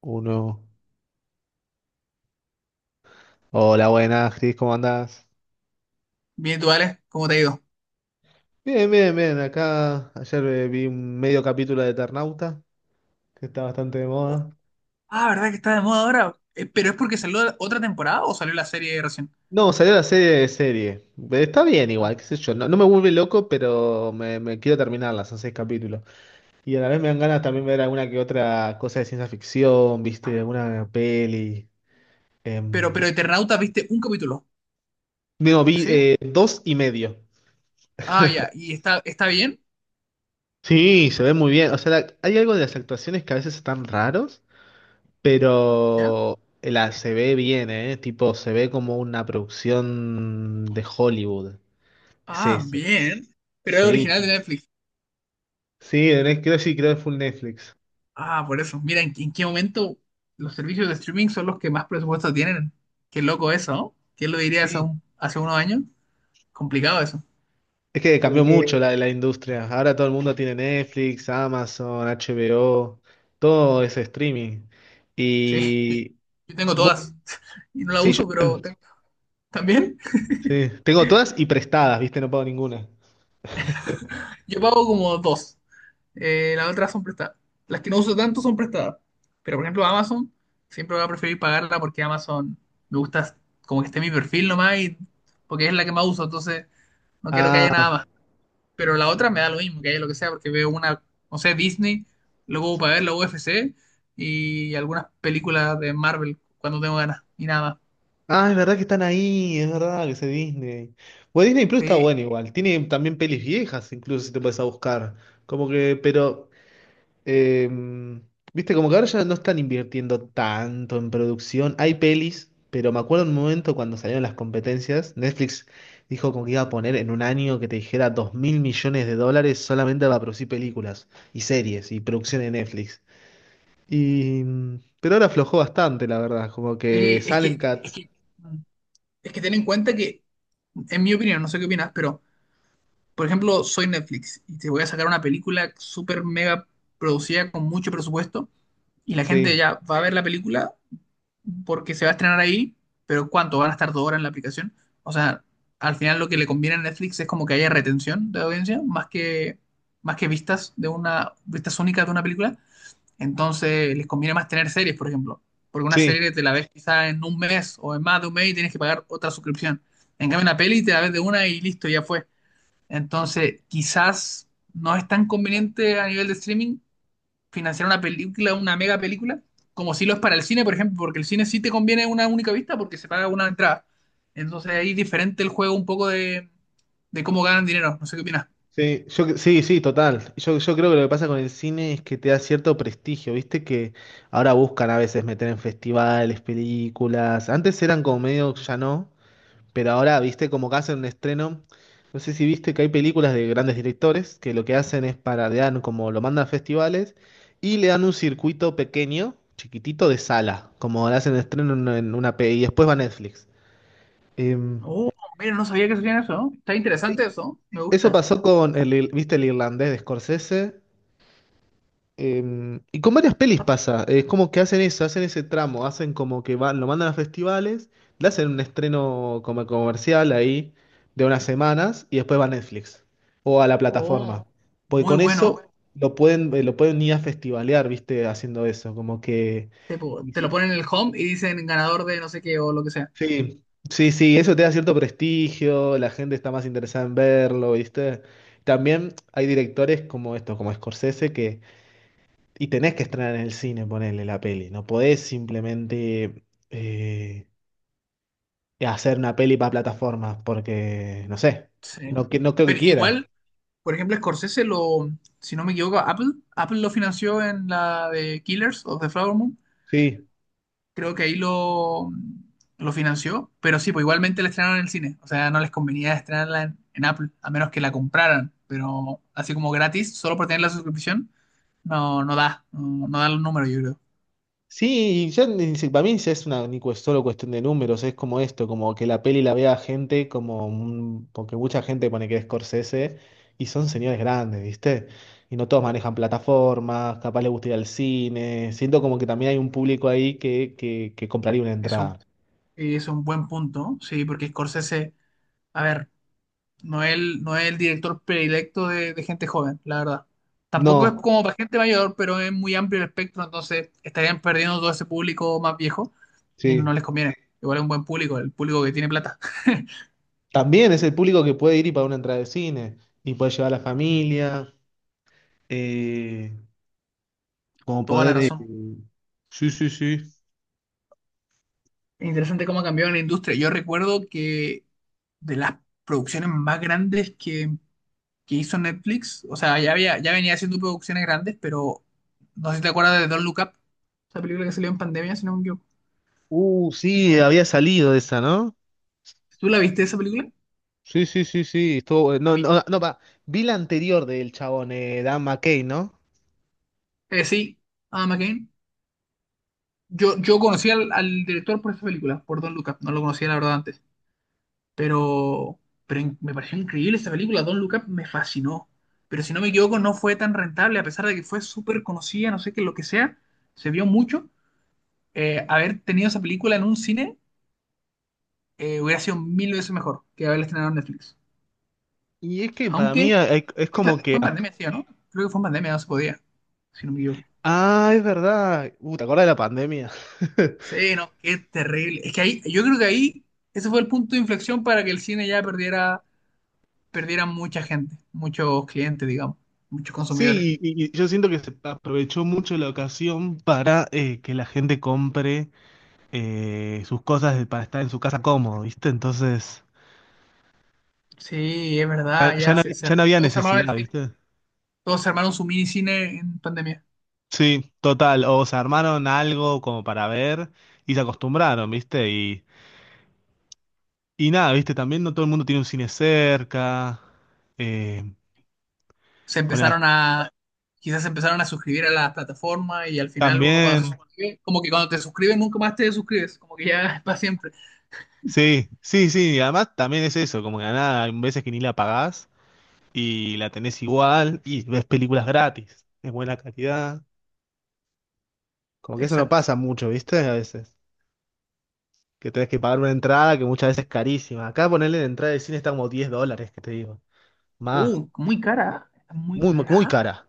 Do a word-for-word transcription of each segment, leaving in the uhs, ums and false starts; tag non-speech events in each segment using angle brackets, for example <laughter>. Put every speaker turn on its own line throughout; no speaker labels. Uno. Hola, buenas, Cris, ¿cómo andás?
Bien, ¿tú, Alex? ¿Cómo te ha ido?
Bien, bien, bien. Acá ayer eh, vi un medio capítulo de Eternauta, que está bastante de
Oh.
moda.
Ah, ¿verdad que está de moda ahora? Eh, ¿pero es porque salió la- otra temporada o salió la serie recién?
No, salió la serie de serie. Eh, Está bien
Ah.
igual, qué sé yo. No, no me vuelve loco, pero me, me quiero terminarla, son seis capítulos. Y a la vez me dan ganas también ver alguna que otra cosa de ciencia ficción, viste, alguna peli.
Pero, pero
Em,
Eternauta viste un capítulo,
no, vi
¿sí?
eh, dos y medio.
Ah, ya. ¿Y está, está bien?
Sí, se ve muy bien. O sea, la- hay algo de las actuaciones que a veces están raros.
¿Ya?
Pero la se ve bien, ¿eh? Tipo, se ve como una producción de Hollywood. Es
Ah,
ese.
bien. Pero es
Sí,
original de Netflix.
sí, en es- creo, sí, creo que full Netflix.
Ah, por eso. Mira, ¿en, en qué momento los servicios de streaming son los que más presupuesto tienen? Qué loco eso, ¿no? ¿Quién lo diría hace,
Sí.
un- hace unos años? Complicado eso.
Es que cambió
Pero
mucho
que...
la, la industria. Ahora todo el mundo tiene Netflix, Amazon, H B O, todo es streaming.
Sí, <laughs>
Y
yo tengo
vos-
todas <laughs> y no la
sí, yo
uso, pero tengo- también
sí, tengo todas y prestadas, ¿viste? No pago ninguna.
yo pago como dos. Eh, las otras son prestadas. Las que no uso tanto son prestadas. Pero por ejemplo, Amazon, siempre voy a preferir pagarla porque Amazon me gusta como que esté mi perfil nomás y porque es la que más uso, entonces no quiero que haya
Ah.
nada más. Pero la otra me da lo mismo, que haya lo que sea, porque veo una, no sé, Disney, luego para ver la U F C y algunas películas de Marvel cuando tengo ganas y nada más.
Ah, es verdad que están ahí, es verdad que ese Disney. Bueno, Disney Plus está
Sí,
bueno igual. Tiene también pelis viejas, incluso si te puedes a buscar. Como que, pero, eh, viste, como que ahora ya no están invirtiendo tanto en producción. Hay pelis, pero me acuerdo un momento cuando salieron las competencias, Netflix dijo como que iba a poner en un año que te dijera dos mil millones de dólares solamente para producir películas y series y producción en Netflix. Y, mm, pero ahora aflojó bastante, la verdad. Como que
sí, es
salen
que,
cat.
es que, es que ten en cuenta que, en mi opinión, no sé qué opinas, pero por ejemplo, soy Netflix y te voy a sacar una película súper mega producida con mucho presupuesto y la gente
Sí.
ya va a ver la película porque se va a estrenar ahí, pero ¿cuánto? ¿Van a estar dos horas en la aplicación? O sea, al final lo que le conviene a Netflix es como que haya retención de audiencia más que, más que vistas de una, vistas únicas de una película. Entonces les conviene más tener series, por ejemplo, porque una
Sí,
serie te la ves quizá en un mes o en más de un mes y tienes que pagar otra suscripción. En cambio, una peli te la ves de una y listo, ya fue. Entonces, quizás no es tan conveniente a nivel de streaming financiar una película, una mega película, como si lo es para el cine, por ejemplo, porque el cine sí te conviene una única vista porque se paga una entrada. Entonces ahí es diferente el juego un poco de, de cómo ganan dinero. No sé qué opinas.
Sí, yo, cre- sí, sí, total. Yo, yo creo que lo que pasa con el cine es que te da cierto prestigio, viste que ahora buscan a veces meter en festivales, películas. Antes eran como medio, ya no, pero ahora, viste, como que hacen un estreno. No sé si viste que hay películas de grandes directores que lo que hacen es para le dan como lo mandan a festivales y le dan un circuito pequeño, chiquitito de sala, como le hacen estreno en en una P y después va a Netflix. Em,
Oh, mira, no sabía que sabían eso, ¿no? Está interesante eso, me
eso
gusta.
pasó con el, ir- ¿viste el irlandés de Scorsese? Em, y con varias pelis pasa, es como que hacen eso, hacen ese tramo, hacen como que van, lo mandan a festivales, le hacen un estreno como comercial ahí de unas semanas y después va a Netflix o a la
Oh,
plataforma. Porque
muy
con eso
bueno.
lo pueden, eh, lo pueden ir a festivalear, ¿viste? Haciendo eso, como que...
Te, po-
y
te lo
sí,
ponen en el home y dicen ganador de no sé qué o lo que sea.
sí, sí, sí, eso te da cierto prestigio, la gente está más interesada en verlo, ¿viste? También hay directores como esto, como Scorsese, y tenés que estrenar en el cine, ponerle la peli. No podés simplemente eh, hacer una peli para plataformas, porque, no sé,
Sí.
no, que- no creo que
Pero
quiera.
igual por ejemplo, Scorsese lo, si no me equivoco, Apple, Apple lo financió en la de Killers of the Flower Moon.
Sí.
Creo que ahí lo, lo financió, pero sí, pues igualmente la estrenaron en el cine. O sea, no les convenía estrenarla en, en Apple, a menos que la compraran. Pero así como gratis, solo por tener la suscripción, no, no da, no, no da los números, yo creo.
Sí, y ya ni si- para mí ya es una ni cue- solo cuestión de números, es como esto, como que la peli la vea gente como un- porque mucha gente pone que es Scorsese y son señores grandes, ¿viste? Y no todos manejan plataformas, capaz les gusta ir al cine. Siento como que también hay un público ahí que, que, que compraría una
Es
entrada.
un, es un buen punto, sí, porque Scorsese, a ver. No es el, no es el director predilecto de, de gente joven, la verdad. Tampoco es
No,
como para gente mayor, pero es muy amplio el espectro, entonces estarían perdiendo todo ese público más viejo y no
sí.
les conviene. Igual es un buen público, el público que tiene plata. <laughs>
También es el público que puede ir y pagar una entrada de cine y puede llevar a la familia, eh, como
Toda la
poder... eh,
razón.
Sí, sí, sí.
Es interesante cómo ha cambiado la industria. Yo recuerdo que de las producciones más grandes que, que hizo Netflix, o sea, ya había, ya venía haciendo producciones grandes, pero no sé si te acuerdas de Don't Look Up, esa película que salió en pandemia, si no me equivoco.
Uh, sí,
Eh,
había salido esa, ¿no?
¿Tú la viste esa película?
Sí, sí, sí, sí. Estuvo,
A
bueno.
mí,
no, no, no, pa, vi la anterior del chabón, eh, Dan McKay, ¿no?
eh, sí, Adam McKay. Yo, yo conocí al, al director por esta película, por Don Look Up. No lo conocía, la verdad, antes. Pero, pero in- me pareció increíble esta película. Don Look Up me fascinó. Pero si no me equivoco, no fue tan rentable, a pesar de que fue súper conocida, no sé qué, lo que sea. Se vio mucho. Eh, haber tenido esa película en un cine eh, hubiera sido mil veces mejor que haberla estrenado en Netflix.
Y es que para mí
Aunque
hay- es
fue en,
como
pande-
que...
fue en pandemia, sí, ¿o ¿no? Creo que fue en pandemia, no se podía, si no me equivoco.
Ah, es verdad. Uh, ¿te acuerdas de la pandemia? <laughs>
Sí, no, qué terrible. Es que ahí, yo creo que ahí, ese fue el punto de inflexión para que el cine ya perdiera, perdiera mucha gente, muchos clientes, digamos, muchos consumidores.
Sí, y, y- y yo siento que se aprovechó mucho la ocasión para eh, que la gente compre eh, sus cosas para estar en su casa cómodo, ¿viste? Entonces,
Sí, es
ya,
verdad,
ya
ya
no
se,
había,
se-
ya no había
todos se armaron el
necesidad,
cine,
¿viste?
todos se armaron su mini cine en pandemia.
Sí, total. O se armaron algo como para ver y se acostumbraron, ¿viste? Y, y nada, ¿viste? También no todo el mundo tiene un cine cerca. Eh,
Se
ponen acá
empezaron a, quizás se empezaron a suscribir a las plataformas y al final uno cuando
también.
se suscribe, como que cuando te suscribes nunca más te suscribes, como que ya <laughs> es para siempre.
Sí, sí, sí. Y además también es eso, como que nada, hay veces que ni la pagás y la tenés igual y ves películas gratis, de buena calidad. Como que eso no
Exacto.
pasa mucho, ¿viste? A veces que tenés que pagar una entrada que muchas veces es carísima. Acá ponerle la entrada de cine está como diez dólares, que te digo. Más,
Uh, muy cara, está muy
muy, muy
cara.
cara.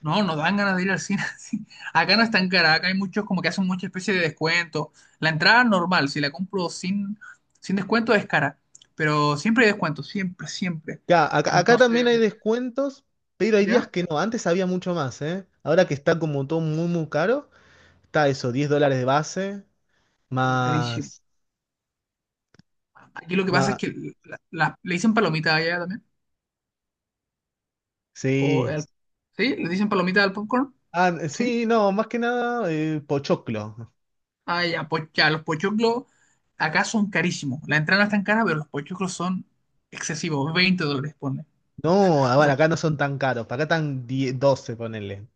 No, no dan ganas de ir al cine. <laughs> Sí. Acá no es tan cara, acá hay muchos como que hacen mucha especie de descuento. La entrada normal, si la compro sin, sin descuento es cara, pero siempre hay descuento, siempre, siempre.
Ya, acá, acá también hay
Entonces,
descuentos, pero hay días
¿ya?
que no. Antes había mucho más, ¿eh? Ahora que está como todo muy, muy caro, está eso, diez dólares de base,
Uh, carísimo.
más,
Aquí lo que pasa es
más,
que la- la- le dicen palomita allá también. O
sí.
al- ¿sí? Le dicen palomita al popcorn,
Ah,
¿sí?
sí, no, más que nada, eh, pochoclo.
Ah, ya, pues ya, los pochoclos acá son carísimos. La entrada no es tan cara, pero los pochoclos son excesivos, veinte dólares, pone.
No, ah,
O
bueno,
sea,
acá no son tan caros, acá están diez doce ponerle.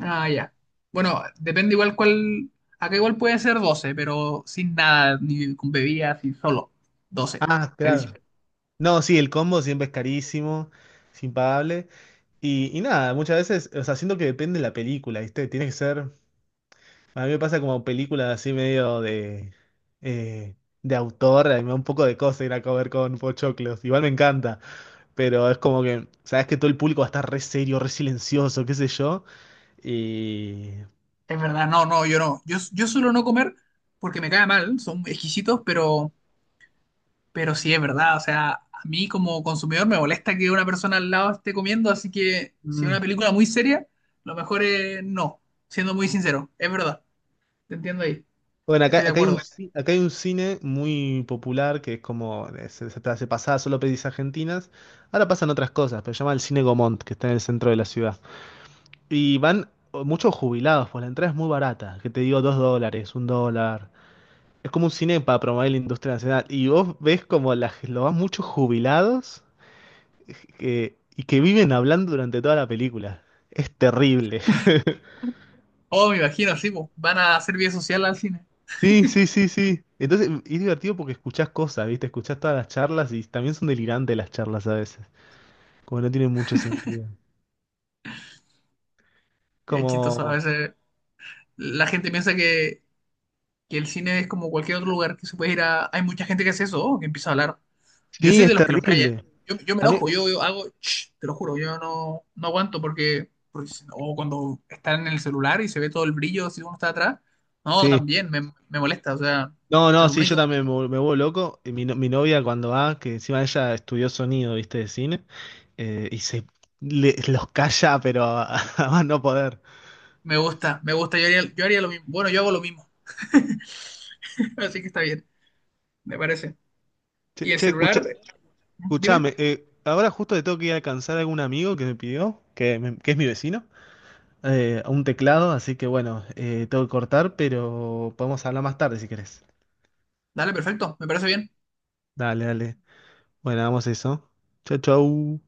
ah, ya. Bueno, depende igual cuál. Acá igual puede ser doce, pero sin nada, ni con bebidas, ni solo. Doce.
Ah, claro.
Carísimo.
No, sí, el combo siempre es carísimo, es impagable. Y, y nada, muchas veces, o sea, siento que depende de la película, ¿viste? Tiene que ser, a mí me pasa como películas así medio de, eh, de autor, a mí me da un poco de cosa ir a comer con pochoclos, igual me encanta, pero es como que, sabes que todo el público va a estar re serio, re silencioso, qué sé yo, y...
Es verdad, no, no, yo no. Yo, yo suelo no comer porque me cae mal, son exquisitos, pero, pero sí es verdad. O sea, a mí como consumidor me molesta que una persona al lado esté comiendo, así que si es
Mm.
una película muy seria, lo mejor es no, siendo muy sincero. Es verdad, te entiendo ahí,
Bueno, acá,
estoy de
acá hay un,
acuerdo.
ci- acá hay un cine muy popular que es como, eh, se, se, se pasaba solo pelis argentinas, ahora pasan otras cosas, pero se llama el Cine Gomont, que está en el centro de la ciudad. Y van muchos jubilados, pues la entrada es muy barata, que te digo dos dólares, un dólar. Es como un cine para promover la industria nacional. Y vos ves como la, lo van muchos jubilados que- y que viven hablando durante toda la película. Es terrible. <laughs>
Oh, me imagino, sí, po, van a hacer vía social al cine.
Sí, sí, sí, sí. Entonces es divertido porque escuchás cosas, ¿viste? Escuchás todas las charlas y también son delirantes las charlas a veces. Como no tienen mucho sentido.
Es chistoso a
Como...
veces la gente piensa que, que el cine es como cualquier otro lugar que se puede ir a... Hay mucha gente que hace eso, que empieza a hablar. Yo
Sí,
soy
es
de los que los calla.
terrible.
Yo, yo me
A mí...
enojo, yo, yo hago, "Shh", te lo juro, yo no, no aguanto porque, porque si- no, o cuando están en el celular y se ve todo el brillo si uno está atrás, no,
Sí.
también me, me molesta, o sea,
No,
se
no, sí,
supone
yo
que uno-
también me, vuel- me vuelvo loco. Y Mi, no- mi novia cuando va, que encima ella estudió sonido, viste, de cine, eh, y se le- los calla, pero a, <laughs> a más no poder.
me gusta, me gusta, yo haría, yo haría lo mismo, bueno, yo hago lo mismo, <laughs> así que está bien, me parece.
Che,
Y el
che,
celular,
escucha,
dime,
escuchame, eh, ahora justo le tengo que ir a alcanzar a algún amigo que me pidió, que, me- que es mi vecino, eh, un teclado, así que bueno, eh, tengo que cortar, pero podemos hablar más tarde si querés.
dale, perfecto, me parece bien.
Dale, dale. Bueno, vamos a eso. Chau, chau.